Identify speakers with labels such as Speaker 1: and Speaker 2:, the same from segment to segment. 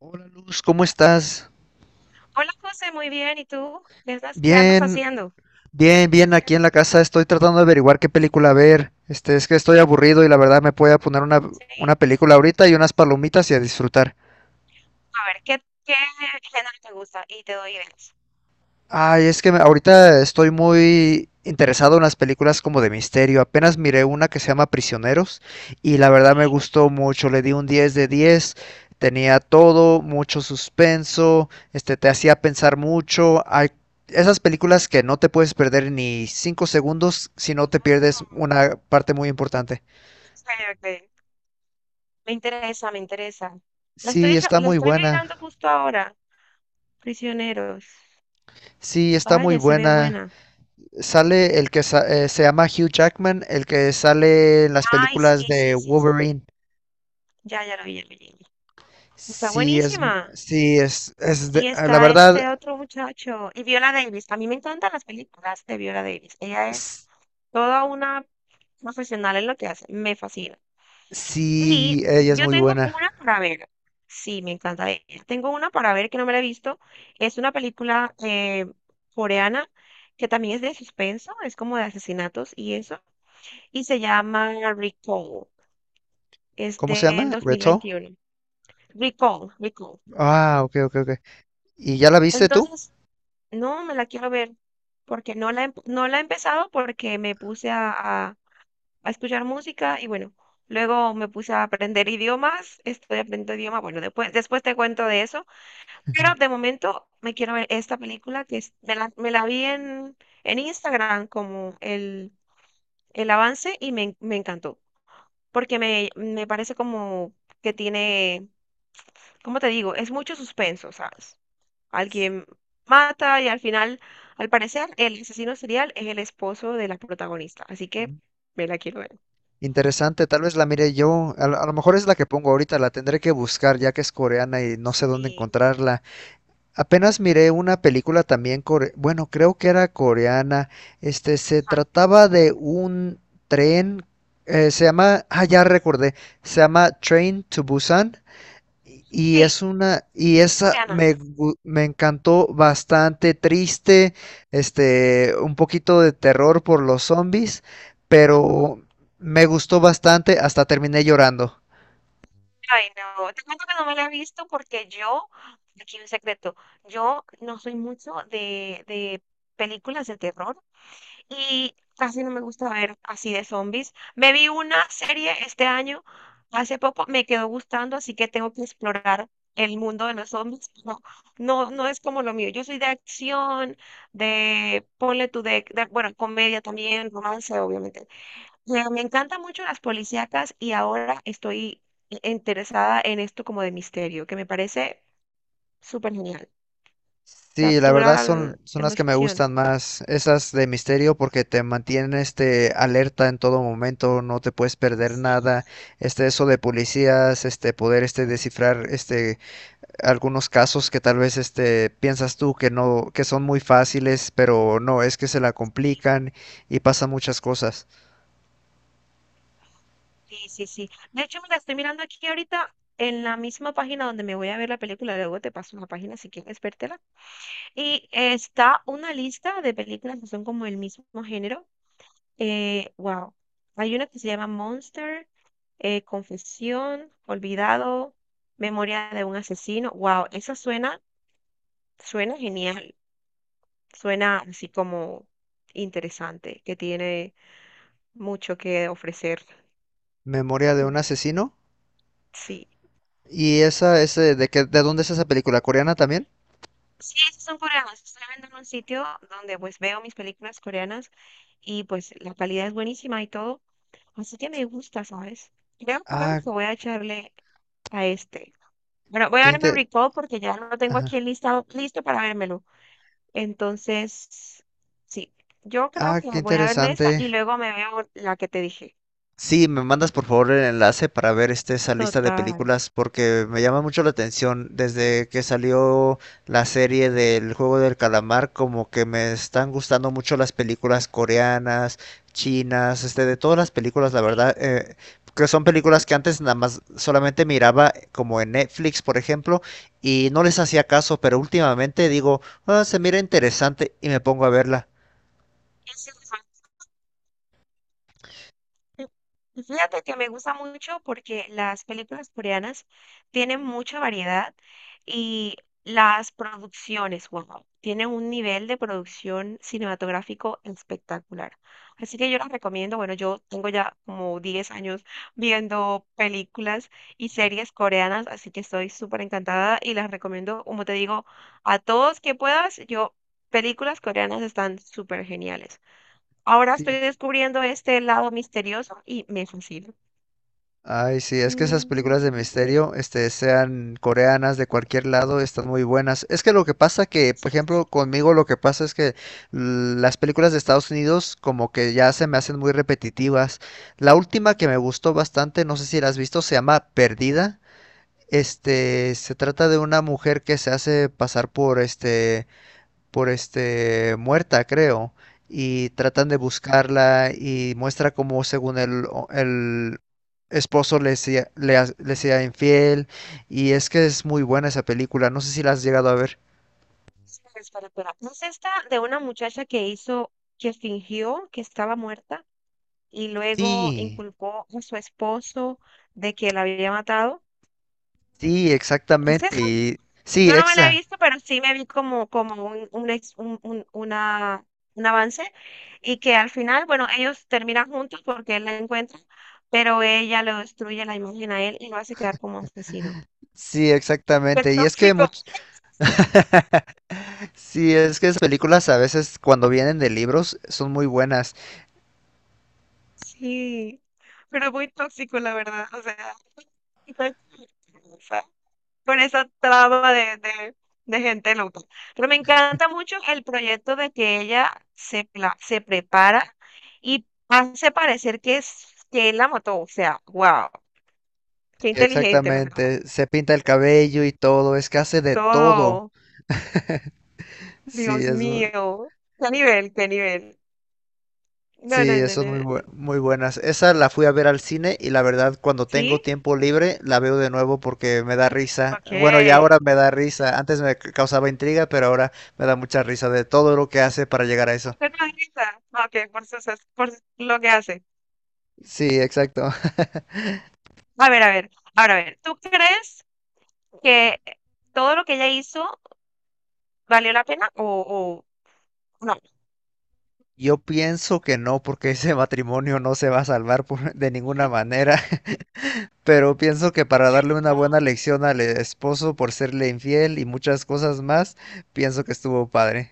Speaker 1: Hola Luz, ¿cómo estás?
Speaker 2: Hola José, muy bien. ¿Y tú? ¿Qué andas
Speaker 1: Bien,
Speaker 2: haciendo?
Speaker 1: bien, aquí en la casa estoy tratando de averiguar qué película ver. Es que estoy aburrido y la verdad me voy a poner
Speaker 2: Sí,
Speaker 1: una película ahorita y unas palomitas y a disfrutar.
Speaker 2: a ver, ¿qué género te gusta? Y te doy ideas.
Speaker 1: Ay, ahorita estoy muy interesado en las películas como de misterio. Apenas miré una que se llama Prisioneros y la verdad
Speaker 2: Sí.
Speaker 1: me gustó mucho. Le di un 10 de 10. Tenía todo, mucho suspenso, te hacía pensar mucho. Hay esas películas que no te puedes perder ni 5 segundos si no te pierdes
Speaker 2: Mm.
Speaker 1: una parte muy importante.
Speaker 2: Ok, ok. Me interesa, me interesa.
Speaker 1: Sí, está
Speaker 2: La
Speaker 1: muy
Speaker 2: estoy
Speaker 1: buena.
Speaker 2: mirando justo ahora. Prisioneros.
Speaker 1: Sí, está muy
Speaker 2: Vaya, se ve
Speaker 1: buena.
Speaker 2: buena.
Speaker 1: Sale el que sa- Se llama Hugh Jackman, el que sale en las
Speaker 2: Ay,
Speaker 1: películas
Speaker 2: sí,
Speaker 1: de
Speaker 2: sí, sí, sí.
Speaker 1: Wolverine.
Speaker 2: Ya, ya lo vi, ya lo vi. Está
Speaker 1: Sí, es,
Speaker 2: buenísima.
Speaker 1: sí, es de-
Speaker 2: Y
Speaker 1: ah, la
Speaker 2: está
Speaker 1: verdad,
Speaker 2: este otro muchacho. Y Viola Davis. A mí me encantan las películas de Viola Davis. Ella es
Speaker 1: s-
Speaker 2: toda una profesional en lo que hace. Me fascina. Y
Speaker 1: Sí, ella es
Speaker 2: yo
Speaker 1: muy
Speaker 2: tengo
Speaker 1: buena.
Speaker 2: una para ver. Sí, me encanta. Tengo una para ver que no me la he visto. Es una película coreana que también es de suspenso, es como de asesinatos y eso. Y se llama Recall. Es
Speaker 1: ¿Cómo se
Speaker 2: del
Speaker 1: llama?
Speaker 2: dos mil
Speaker 1: ¿Reto?
Speaker 2: veintiuno Recall, Recall.
Speaker 1: Ah, ok, ok, ok. ¿Y ya la viste tú?
Speaker 2: Entonces, no me la quiero ver porque no la he empezado porque me puse a escuchar música y bueno. Luego me puse a aprender idiomas, estoy aprendiendo idiomas. Bueno, después te cuento de eso. Pero de momento me quiero ver esta película me la vi en Instagram como el avance y me encantó. Porque me parece como que tiene, ¿cómo te digo? Es mucho suspenso, ¿sabes? Alguien mata y al final, al parecer, el asesino serial es el esposo de la protagonista. Así que
Speaker 1: Mm.
Speaker 2: me la quiero ver.
Speaker 1: Interesante, tal vez la mire yo. A lo mejor es la que pongo ahorita, la tendré que buscar ya que es coreana y no sé dónde
Speaker 2: Sí.
Speaker 1: encontrarla. Apenas miré una película también bueno, creo que era coreana. Se trataba de un tren, se llama, ah, ya recordé, se llama Train to Busan. Y y
Speaker 2: Sí,
Speaker 1: es una, y
Speaker 2: es
Speaker 1: esa
Speaker 2: coreana.
Speaker 1: me encantó, bastante triste, un poquito de terror por los zombies, pero me gustó bastante, hasta terminé llorando.
Speaker 2: Ay, no, te cuento que no me la he visto porque yo, aquí un secreto, yo no soy mucho de películas de terror y casi no me gusta ver así de zombies. Me vi una serie este año, hace poco me quedó gustando, así que tengo que explorar el mundo de los zombies. No, no, no es como lo mío. Yo soy de acción, de, ponle tú, de, bueno, comedia también, romance, obviamente. Me encantan mucho las policíacas y ahora estoy interesada en esto como de misterio, que me parece súper genial.
Speaker 1: Sí, la verdad
Speaker 2: Captura la
Speaker 1: son las que me
Speaker 2: emoción.
Speaker 1: gustan más, esas de misterio porque te mantienen alerta en todo momento, no te puedes perder
Speaker 2: Sí,
Speaker 1: nada, eso de policías, poder descifrar algunos casos que tal vez piensas tú que no, que son muy fáciles, pero no, es que se la complican y pasan muchas cosas.
Speaker 2: sí, sí, sí. De hecho, me la estoy mirando aquí ahorita en la misma página donde me voy a ver la película. Luego te paso la página si quieres vértela. Y está una lista de películas que son como el mismo género. Wow. Hay una que se llama Monster, Confesión, Olvidado, Memoria de un asesino. Wow, esa suena, suena genial. Suena así como interesante, que tiene mucho que ofrecer.
Speaker 1: Memoria de un
Speaker 2: Mm.
Speaker 1: asesino.
Speaker 2: Sí.
Speaker 1: ¿Y esa es de dónde es esa película? ¿Coreana también?
Speaker 2: Sí, esas son coreanas. Estoy viendo en un sitio donde pues veo mis películas coreanas y pues la calidad es buenísima y todo. Así que me gusta, ¿sabes? Creo
Speaker 1: Ah,
Speaker 2: que voy a echarle a este. Bueno, voy a
Speaker 1: qué
Speaker 2: verme el
Speaker 1: inte-
Speaker 2: recall porque ya lo tengo aquí
Speaker 1: ajá.
Speaker 2: en listado, listo para vérmelo. Entonces, sí, yo creo
Speaker 1: Ah,
Speaker 2: que
Speaker 1: qué
Speaker 2: voy a verme esta y
Speaker 1: interesante.
Speaker 2: luego me veo la que te dije.
Speaker 1: Sí, me mandas por favor el enlace para ver esa lista de
Speaker 2: Total.
Speaker 1: películas porque me llama mucho la atención. Desde que salió la serie del Juego del Calamar, como que me están gustando mucho las películas coreanas, chinas, de todas las películas, la
Speaker 2: Sí,
Speaker 1: verdad, que son películas que antes nada más solamente miraba como en Netflix, por ejemplo, y no les hacía caso, pero últimamente digo, "Ah, se mira interesante y me pongo a verla."
Speaker 2: ese es. Sí, y fíjate que me gusta mucho porque las películas coreanas tienen mucha variedad y las producciones, wow, tienen un nivel de producción cinematográfico espectacular. Así que yo las recomiendo. Bueno, yo tengo ya como 10 años viendo películas y series coreanas, así que estoy súper encantada y las recomiendo, como te digo, a todos que puedas. Yo, películas coreanas están súper geniales. Ahora estoy
Speaker 1: Sí,
Speaker 2: descubriendo este lado misterioso y me fascina.
Speaker 1: ay, sí, es que esas películas de
Speaker 2: Mm,
Speaker 1: misterio, sean coreanas, de cualquier lado, están muy buenas. Es que lo que pasa
Speaker 2: sí,
Speaker 1: por
Speaker 2: sí, sí.
Speaker 1: ejemplo, conmigo lo que pasa es que las películas de Estados Unidos como que ya se me hacen muy repetitivas. La última que me gustó bastante, no sé si la has visto, se llama Perdida. Se trata de una mujer que se hace pasar por por este muerta, creo, y tratan de buscarla y muestra cómo según el esposo le sea infiel, y es que es muy buena esa película, no sé si la has llegado a ver.
Speaker 2: Espera, espera, espera. ¿No es esta de una muchacha que fingió que estaba muerta y luego
Speaker 1: Sí,
Speaker 2: inculpó a su esposo de que la había matado?
Speaker 1: sí,
Speaker 2: ¿Es
Speaker 1: exactamente.
Speaker 2: esa?
Speaker 1: Y, sí,
Speaker 2: Yo no me la he
Speaker 1: exa.
Speaker 2: visto, pero sí me vi como un ex- un- una, un avance y que al final, bueno, ellos terminan juntos porque él la encuentra, pero ella le destruye la imagen a él y lo hace quedar como asesino.
Speaker 1: Sí,
Speaker 2: Qué
Speaker 1: exactamente.
Speaker 2: tóxico,
Speaker 1: Sí, es que esas películas a veces cuando vienen de libros son muy buenas.
Speaker 2: sí, pero muy tóxico, la verdad. O sea, con esa traba de gente loca. Pero me encanta mucho el proyecto de que se prepara y hace parecer que es que él la mató. O sea, wow, qué inteligente, la verdad.
Speaker 1: Exactamente. Se pinta el cabello y todo, es que hace de todo.
Speaker 2: Todo,
Speaker 1: Sí,
Speaker 2: Dios
Speaker 1: es, mu-
Speaker 2: mío, qué nivel, qué nivel. No, no,
Speaker 1: Sí,
Speaker 2: no,
Speaker 1: son
Speaker 2: no, no.
Speaker 1: muy buenas. Esa la fui a ver al cine y la verdad cuando tengo
Speaker 2: ¿Sí?
Speaker 1: tiempo libre la veo de nuevo porque me da risa.
Speaker 2: Ok.
Speaker 1: Bueno, ya ahora me da risa. Causaba intriga, pero ahora me da mucha risa de todo lo que hace para llegar a eso.
Speaker 2: ¿Por qué no grita? Ok, por lo que hace.
Speaker 1: Sí, exacto.
Speaker 2: A ver, ahora a ver, ¿tú crees que todo lo que ella hizo valió la pena o no?
Speaker 1: Yo pienso que no, porque ese matrimonio no se va a salvar de ninguna manera. Pero pienso que para darle una buena
Speaker 2: No.
Speaker 1: lección al esposo por serle infiel y muchas cosas más, pienso que estuvo padre.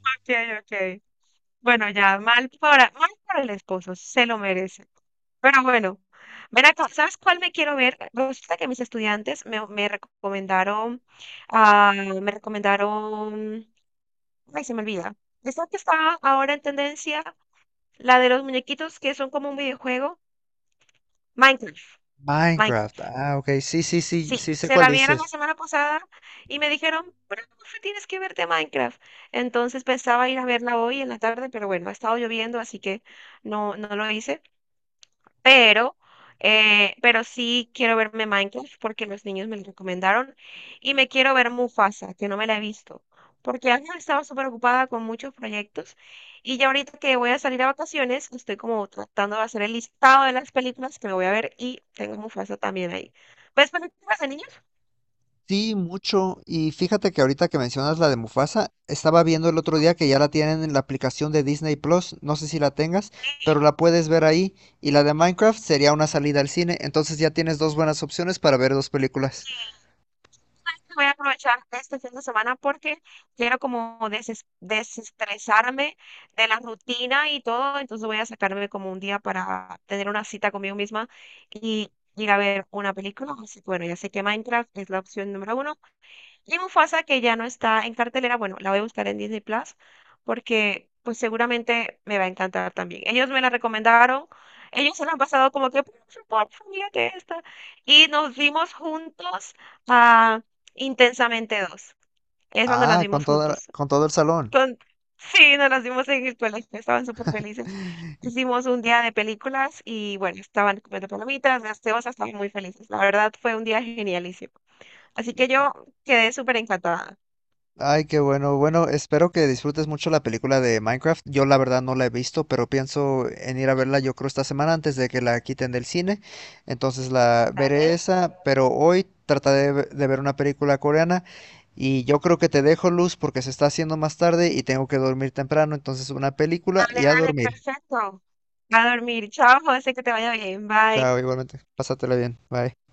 Speaker 2: Ok, ok. Bueno, ya, mal para el esposo, se lo merece. Pero bueno, ven acá, ¿sabes cuál me quiero ver? Resulta que mis estudiantes me recomendaron, ay, se me olvida. Esta que está ahora en tendencia, la de los muñequitos que son como un videojuego, Minecraft.
Speaker 1: Minecraft.
Speaker 2: Minecraft.
Speaker 1: Ah, ok. Sí, sí, sí,
Speaker 2: Sí,
Speaker 1: sí sé
Speaker 2: se
Speaker 1: cuál
Speaker 2: la vieron la
Speaker 1: dices.
Speaker 2: semana pasada y me dijeron, pero Mafe, tienes que verte Minecraft. Entonces pensaba ir a verla hoy en la tarde, pero bueno, ha estado lloviendo, así que no, no lo hice. Pero, pero sí quiero verme Minecraft porque los niños me lo recomendaron y me quiero ver Mufasa, que no me la he visto, porque antes estaba súper ocupada con muchos proyectos y ya ahorita que voy a salir a vacaciones, estoy como tratando de hacer el listado de las películas que me voy a ver y tengo Mufasa también ahí. ¿Ves películas de niños?
Speaker 1: Sí, mucho. Y fíjate que ahorita que mencionas la de Mufasa, estaba viendo el otro día que ya la tienen en la aplicación de Disney Plus, no sé si la tengas,
Speaker 2: Sí.
Speaker 1: pero la puedes ver ahí. Y la de Minecraft sería una salida al cine, entonces ya tienes dos buenas opciones para ver dos películas.
Speaker 2: Voy a aprovechar este fin de semana porque quiero como desestresarme de la rutina y todo, entonces voy a sacarme como un día para tener una cita conmigo misma y ir a ver una película. Así que bueno, ya sé que Minecraft es la opción número uno. Y Mufasa, que ya no está en cartelera, bueno, la voy a buscar en Disney Plus porque pues seguramente me va a encantar también. Ellos me la recomendaron, ellos se la han pasado como que, por favor, mírate esta. Y nos vimos juntos a Intensamente 2. Es cuando las
Speaker 1: Ah, con
Speaker 2: vimos juntos.
Speaker 1: con todo el salón.
Speaker 2: Con... Sí, nos las vimos en el colegio, estaban súper felices. Hicimos un día de películas y bueno, estaban comiendo palomitas, gaseosas, estaban muy felices. La verdad fue un día genialísimo. Así que yo quedé súper encantada.
Speaker 1: Ay, qué bueno. Bueno, espero que disfrutes mucho la película de Minecraft. Yo la verdad no la he visto, pero pienso en ir a verla yo creo esta semana antes de que la quiten del cine. Entonces la veré
Speaker 2: Dale,
Speaker 1: esa, pero hoy trataré de ver una película coreana y yo creo que te dejo Luz porque se está haciendo más tarde y tengo que dormir temprano. Entonces una película
Speaker 2: dale,
Speaker 1: y a
Speaker 2: dale,
Speaker 1: dormir.
Speaker 2: perfecto. A dormir. Chao, José, que te vaya bien. Bye.
Speaker 1: Chao, igualmente. Pásatela bien. Bye.